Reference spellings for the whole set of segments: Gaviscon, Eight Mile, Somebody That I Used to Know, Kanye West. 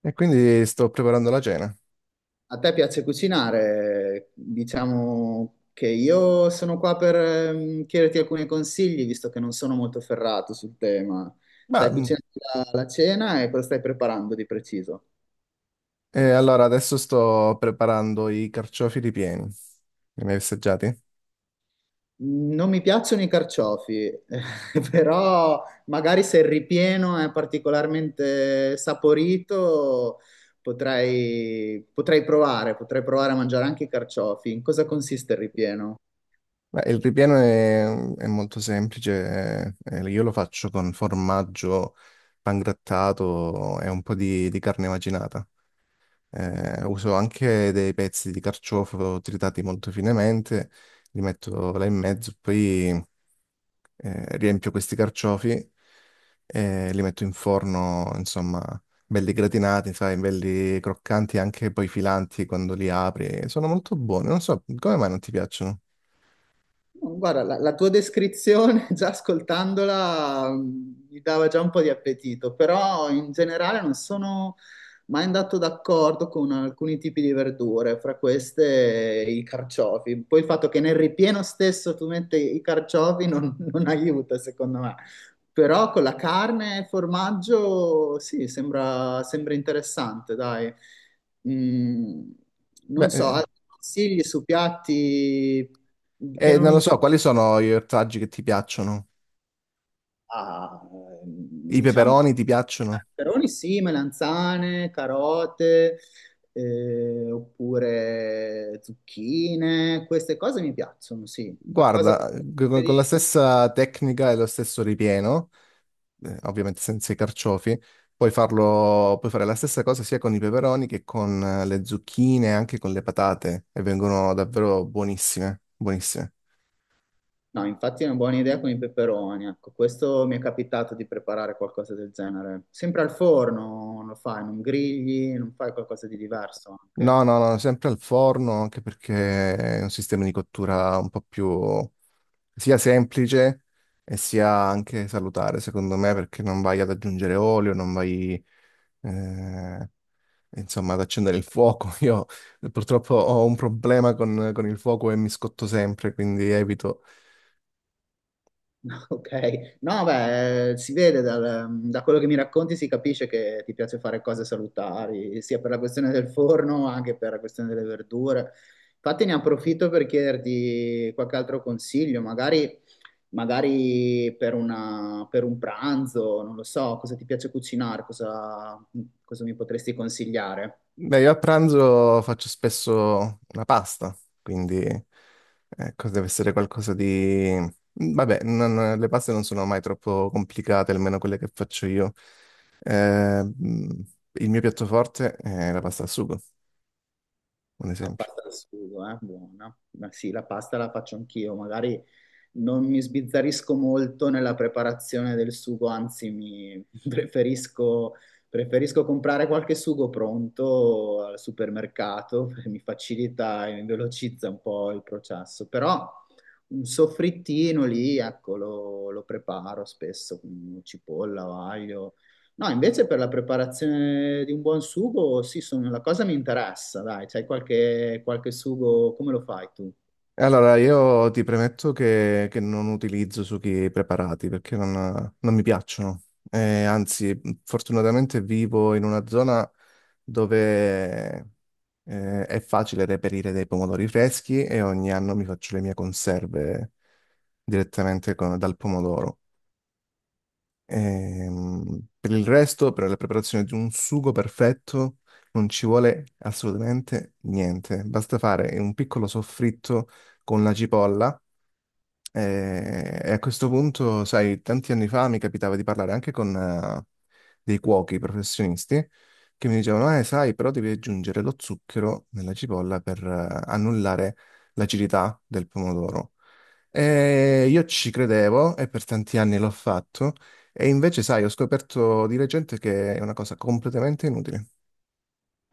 E quindi sto preparando la cena. A te piace cucinare? Diciamo che io sono qua per chiederti alcuni consigli, visto che non sono molto ferrato sul tema. Ma, Stai mh, cucinando la cena e cosa stai preparando di preciso? e allora adesso sto preparando i carciofi ripieni. Li hai mai assaggiati? Mm, non mi piacciono i carciofi, però magari se il ripieno è particolarmente saporito, potrei provare a mangiare anche i carciofi. In cosa consiste il ripieno? Beh, il ripieno è molto semplice, io lo faccio con formaggio pangrattato e un po' di carne macinata. Uso anche dei pezzi di carciofo tritati molto finemente, li metto là in mezzo, poi riempio questi carciofi e li metto in forno, insomma, belli gratinati, sai, belli croccanti, anche poi filanti quando li apri. Sono molto buoni, non so come mai non ti piacciono. Guarda, la tua descrizione, già ascoltandola, mi dava già un po' di appetito, però in generale non sono mai andato d'accordo con alcuni tipi di verdure, fra queste i carciofi. Poi il fatto che nel ripieno stesso tu metti i carciofi non, non aiuta, secondo me. Però con la carne e formaggio, sì, sembra interessante, dai. Mm, Beh, non so, eh, altri consigli su piatti che eh, non... non lo so, quali sono gli ortaggi che ti piacciono? Ah, I diciamo, peperoni ti piacciono? peperoni sì, melanzane, carote, oppure zucchine, queste cose mi piacciono, sì. Qualcosa Guarda, con la di... stessa tecnica e lo stesso ripieno. Ovviamente senza i carciofi. Puoi farlo, puoi fare la stessa cosa sia con i peperoni che con le zucchine, anche con le patate, e vengono davvero buonissime, buonissime. No, infatti è una buona idea con i peperoni, ecco, questo mi è capitato di preparare qualcosa del genere. Sempre al forno lo fai, non grigli, non fai qualcosa di diverso anche? No, no, no, sempre al forno, anche perché è un sistema di cottura un po' più sia semplice e sia anche salutare, secondo me, perché non vai ad aggiungere olio, non vai, eh, Insomma, ad accendere il fuoco. Io purtroppo ho un problema con il fuoco e mi scotto sempre, quindi evito. Ok, no, beh, si vede da quello che mi racconti, si capisce che ti piace fare cose salutari, sia per la questione del forno, anche per la questione delle verdure. Infatti ne approfitto per chiederti qualche altro consiglio, magari, magari per per un pranzo, non lo so, cosa ti piace cucinare, cosa, cosa mi potresti consigliare? Beh, io a pranzo faccio spesso una pasta, quindi ecco, deve essere qualcosa di. Vabbè, le paste non sono mai troppo complicate, almeno quelle che faccio io. Eh, mm, il mio piatto forte è la pasta al sugo, un La esempio. pasta al sugo, eh? Buona. Ma sì, la pasta la faccio anch'io, magari... non mi sbizzarrisco molto nella preparazione del sugo, anzi mi preferisco comprare qualche sugo pronto al supermercato, perché mi facilita e mi velocizza un po' il processo, però un soffrittino lì, ecco, lo preparo spesso con cipolla, o aglio. No, invece per la preparazione di un buon sugo, sì, sono- la cosa mi interessa, dai, c'hai qualche, qualche sugo, come lo fai tu? Allora, io ti premetto che non utilizzo sughi preparati perché non mi piacciono. Anzi, fortunatamente vivo in una zona dove è facile reperire dei pomodori freschi e ogni anno mi faccio le mie conserve direttamente dal pomodoro. Per il resto, per la preparazione di un sugo perfetto, non ci vuole assolutamente niente. Basta fare un piccolo soffritto con la cipolla e a questo punto, sai, tanti anni fa mi capitava di parlare anche con dei cuochi professionisti che mi dicevano, sai, però devi aggiungere lo zucchero nella cipolla per annullare l'acidità del pomodoro. E io ci credevo e per tanti anni l'ho fatto, e invece, sai, ho scoperto di recente che è una cosa completamente inutile.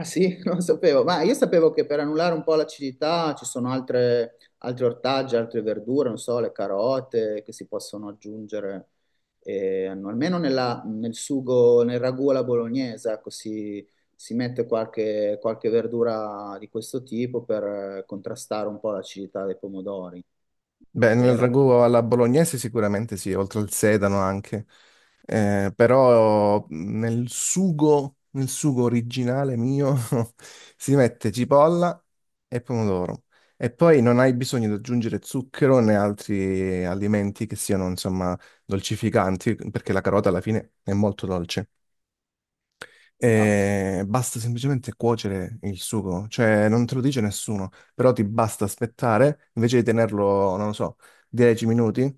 Ah sì, non lo sapevo, ma io sapevo che per annullare un po' l'acidità ci sono altre, altri ortaggi, altre verdure, non so, le carote che si possono aggiungere, almeno nel sugo, nel ragù alla bolognese, ecco, si mette qualche, qualche verdura di questo tipo per contrastare un po' l'acidità dei pomodori, Beh, nel vero? ragù alla bolognese sicuramente sì, oltre al sedano anche. Però nel sugo originale mio si mette cipolla e pomodoro e poi non hai bisogno di aggiungere zucchero né altri alimenti che siano insomma dolcificanti perché la carota alla fine è molto dolce Esatto. e basta semplicemente cuocere il sugo, cioè non te lo dice nessuno, però ti basta aspettare, invece di tenerlo, non lo so, 10 minuti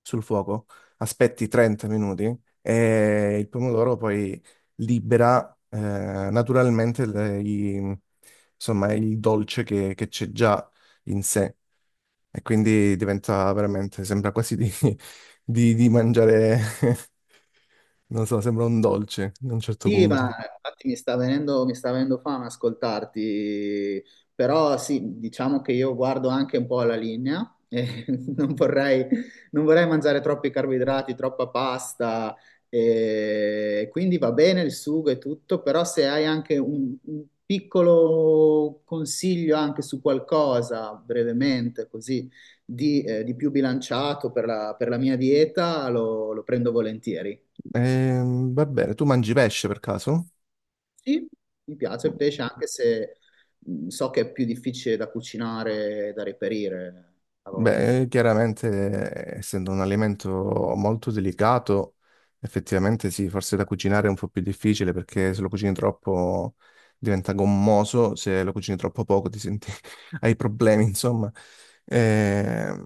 sul fuoco, aspetti 30 minuti e il pomodoro poi libera naturalmente insomma, il dolce che c'è già in sé e quindi diventa veramente, sembra quasi di, di mangiare, non so, sembra un dolce a un certo Sì, punto. ma infatti mi sta venendo fame ascoltarti, però sì, diciamo che io guardo anche un po' alla linea, e non vorrei, non vorrei mangiare troppi carboidrati, troppa pasta, e quindi va bene il sugo e tutto, però se hai anche un piccolo consiglio anche su qualcosa, brevemente così, di più bilanciato per per la mia dieta, lo prendo volentieri. Va bene, tu mangi pesce per caso? Sì, mi piace il pesce anche se so che è più difficile da cucinare e da reperire a volte. Beh, chiaramente, essendo un alimento molto delicato, effettivamente sì, forse da cucinare è un po' più difficile perché se lo cucini troppo diventa gommoso, se lo cucini troppo poco ti senti, hai problemi, insomma. Ehm,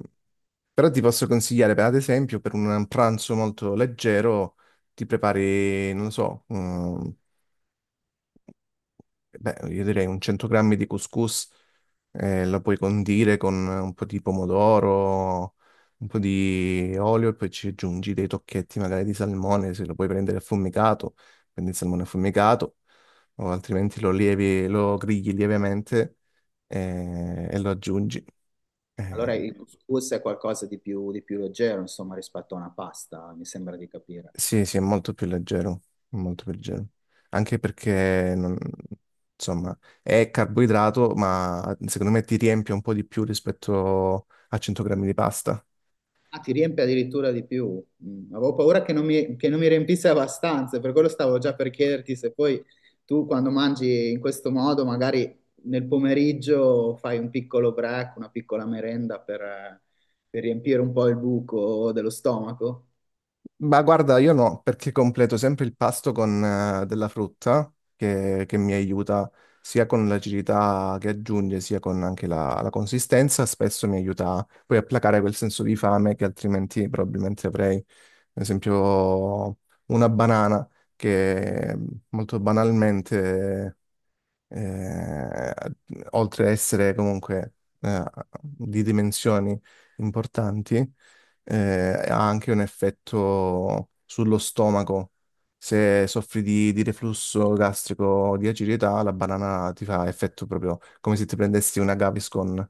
Però ti posso consigliare, per, ad esempio, per un pranzo molto leggero, ti prepari, non lo so, beh, io direi un 100 grammi di couscous, la puoi condire con un po' di pomodoro, un po' di olio e poi ci aggiungi dei tocchetti magari di salmone, se lo puoi prendere affumicato, prendi il salmone affumicato, o altrimenti lo lievi, lo grigli lievemente e, lo aggiungi. Eh, Allora il couscous è qualcosa di più leggero, insomma, rispetto a una pasta, mi sembra di capire. Sì, sì, è molto più leggero, molto più leggero. Anche perché, insomma, è carboidrato, ma secondo me ti riempie un po' di più rispetto a 100 grammi di pasta. Ah, ti riempie addirittura di più. Mm, avevo paura che non mi riempisse abbastanza, per quello stavo già per chiederti se poi tu quando mangi in questo modo, magari nel pomeriggio fai un piccolo break, una piccola merenda per riempire un po' il buco dello stomaco. Ma guarda, io no, perché completo sempre il pasto con della frutta che mi aiuta sia con l'acidità che aggiunge, sia con anche la consistenza. Spesso mi aiuta poi a placare quel senso di fame che altrimenti probabilmente avrei. Ad esempio, una banana che molto banalmente eh, oltre a essere comunque eh, di dimensioni importanti, eh, ha anche un effetto sullo stomaco. Se soffri di reflusso gastrico o di acidità, la banana ti fa effetto proprio come se ti prendessi una Gaviscon,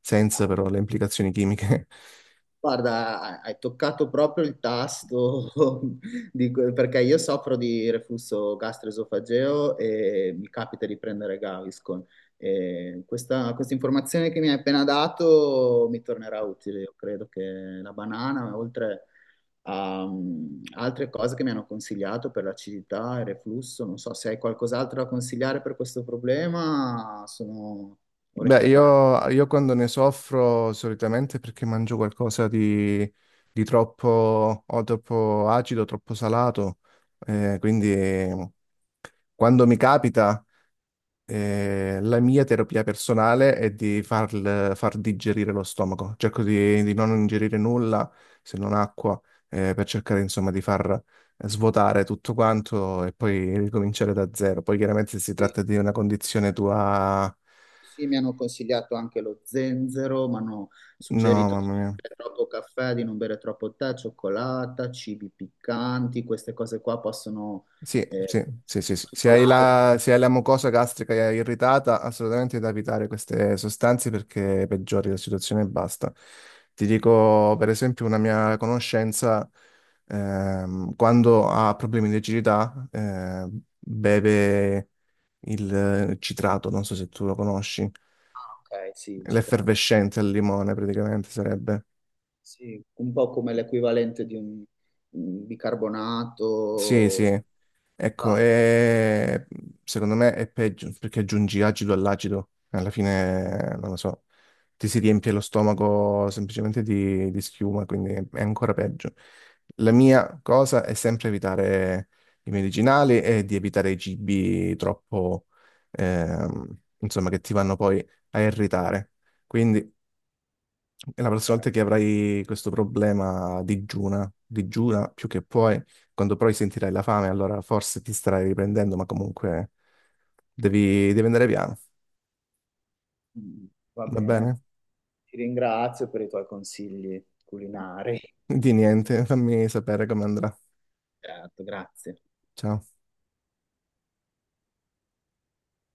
senza però le implicazioni chimiche. Guarda, hai toccato proprio il tasto di que- perché io soffro di reflusso gastroesofageo e mi capita di prendere Gaviscon. E questa informazione che mi hai appena dato mi tornerà utile. Io credo che la banana, oltre a mm, altre cose che mi hanno consigliato per l'acidità e il reflusso, non so se hai qualcos'altro da consigliare per questo problema, sono Beh, orecchie aperte. io quando ne soffro solitamente è perché mangio qualcosa di troppo, o troppo acido, troppo salato, quindi quando mi capita, la mia terapia personale è di far digerire lo stomaco, cerco di non ingerire nulla se non acqua, per cercare insomma di far svuotare tutto quanto e poi ricominciare da zero. Poi chiaramente se si tratta di una condizione tua. Sì, mi hanno consigliato anche lo zenzero, mi hanno No, suggerito di mamma non mia. bere troppo caffè, di non bere troppo tè, cioccolata, cibi piccanti, queste cose qua possono... Sì, eh, sì, sì, sì, sì. Se tutto hai l'acqua, la, se hai la mucosa gastrica irritata, assolutamente da evitare queste sostanze perché peggiori la situazione e basta. Ti dico, per esempio, una mia conoscenza, quando ha problemi di acidità, beve il citrato, non so se tu lo conosci, ok, sì, ci tratta. l'effervescente al limone praticamente sarebbe. Sì, un po' come l'equivalente di un Sì, sì. bicarbonato. Ecco, Ah, secondo me è peggio perché aggiungi acido all'acido, alla fine, non lo so, ti si riempie lo stomaco semplicemente di schiuma, quindi è ancora peggio. La mia cosa è sempre evitare i medicinali e di evitare i cibi troppo, insomma, che ti vanno poi a irritare. Quindi, e la prossima volta che avrai questo problema digiuna, digiuna più che puoi, quando poi sentirai la fame, allora forse ti starai riprendendo, ma comunque devi andare piano, mm, va va bene? bene, ti ringrazio per i tuoi consigli culinari. Di niente, fammi sapere come andrà. Certo, grazie. Ciao.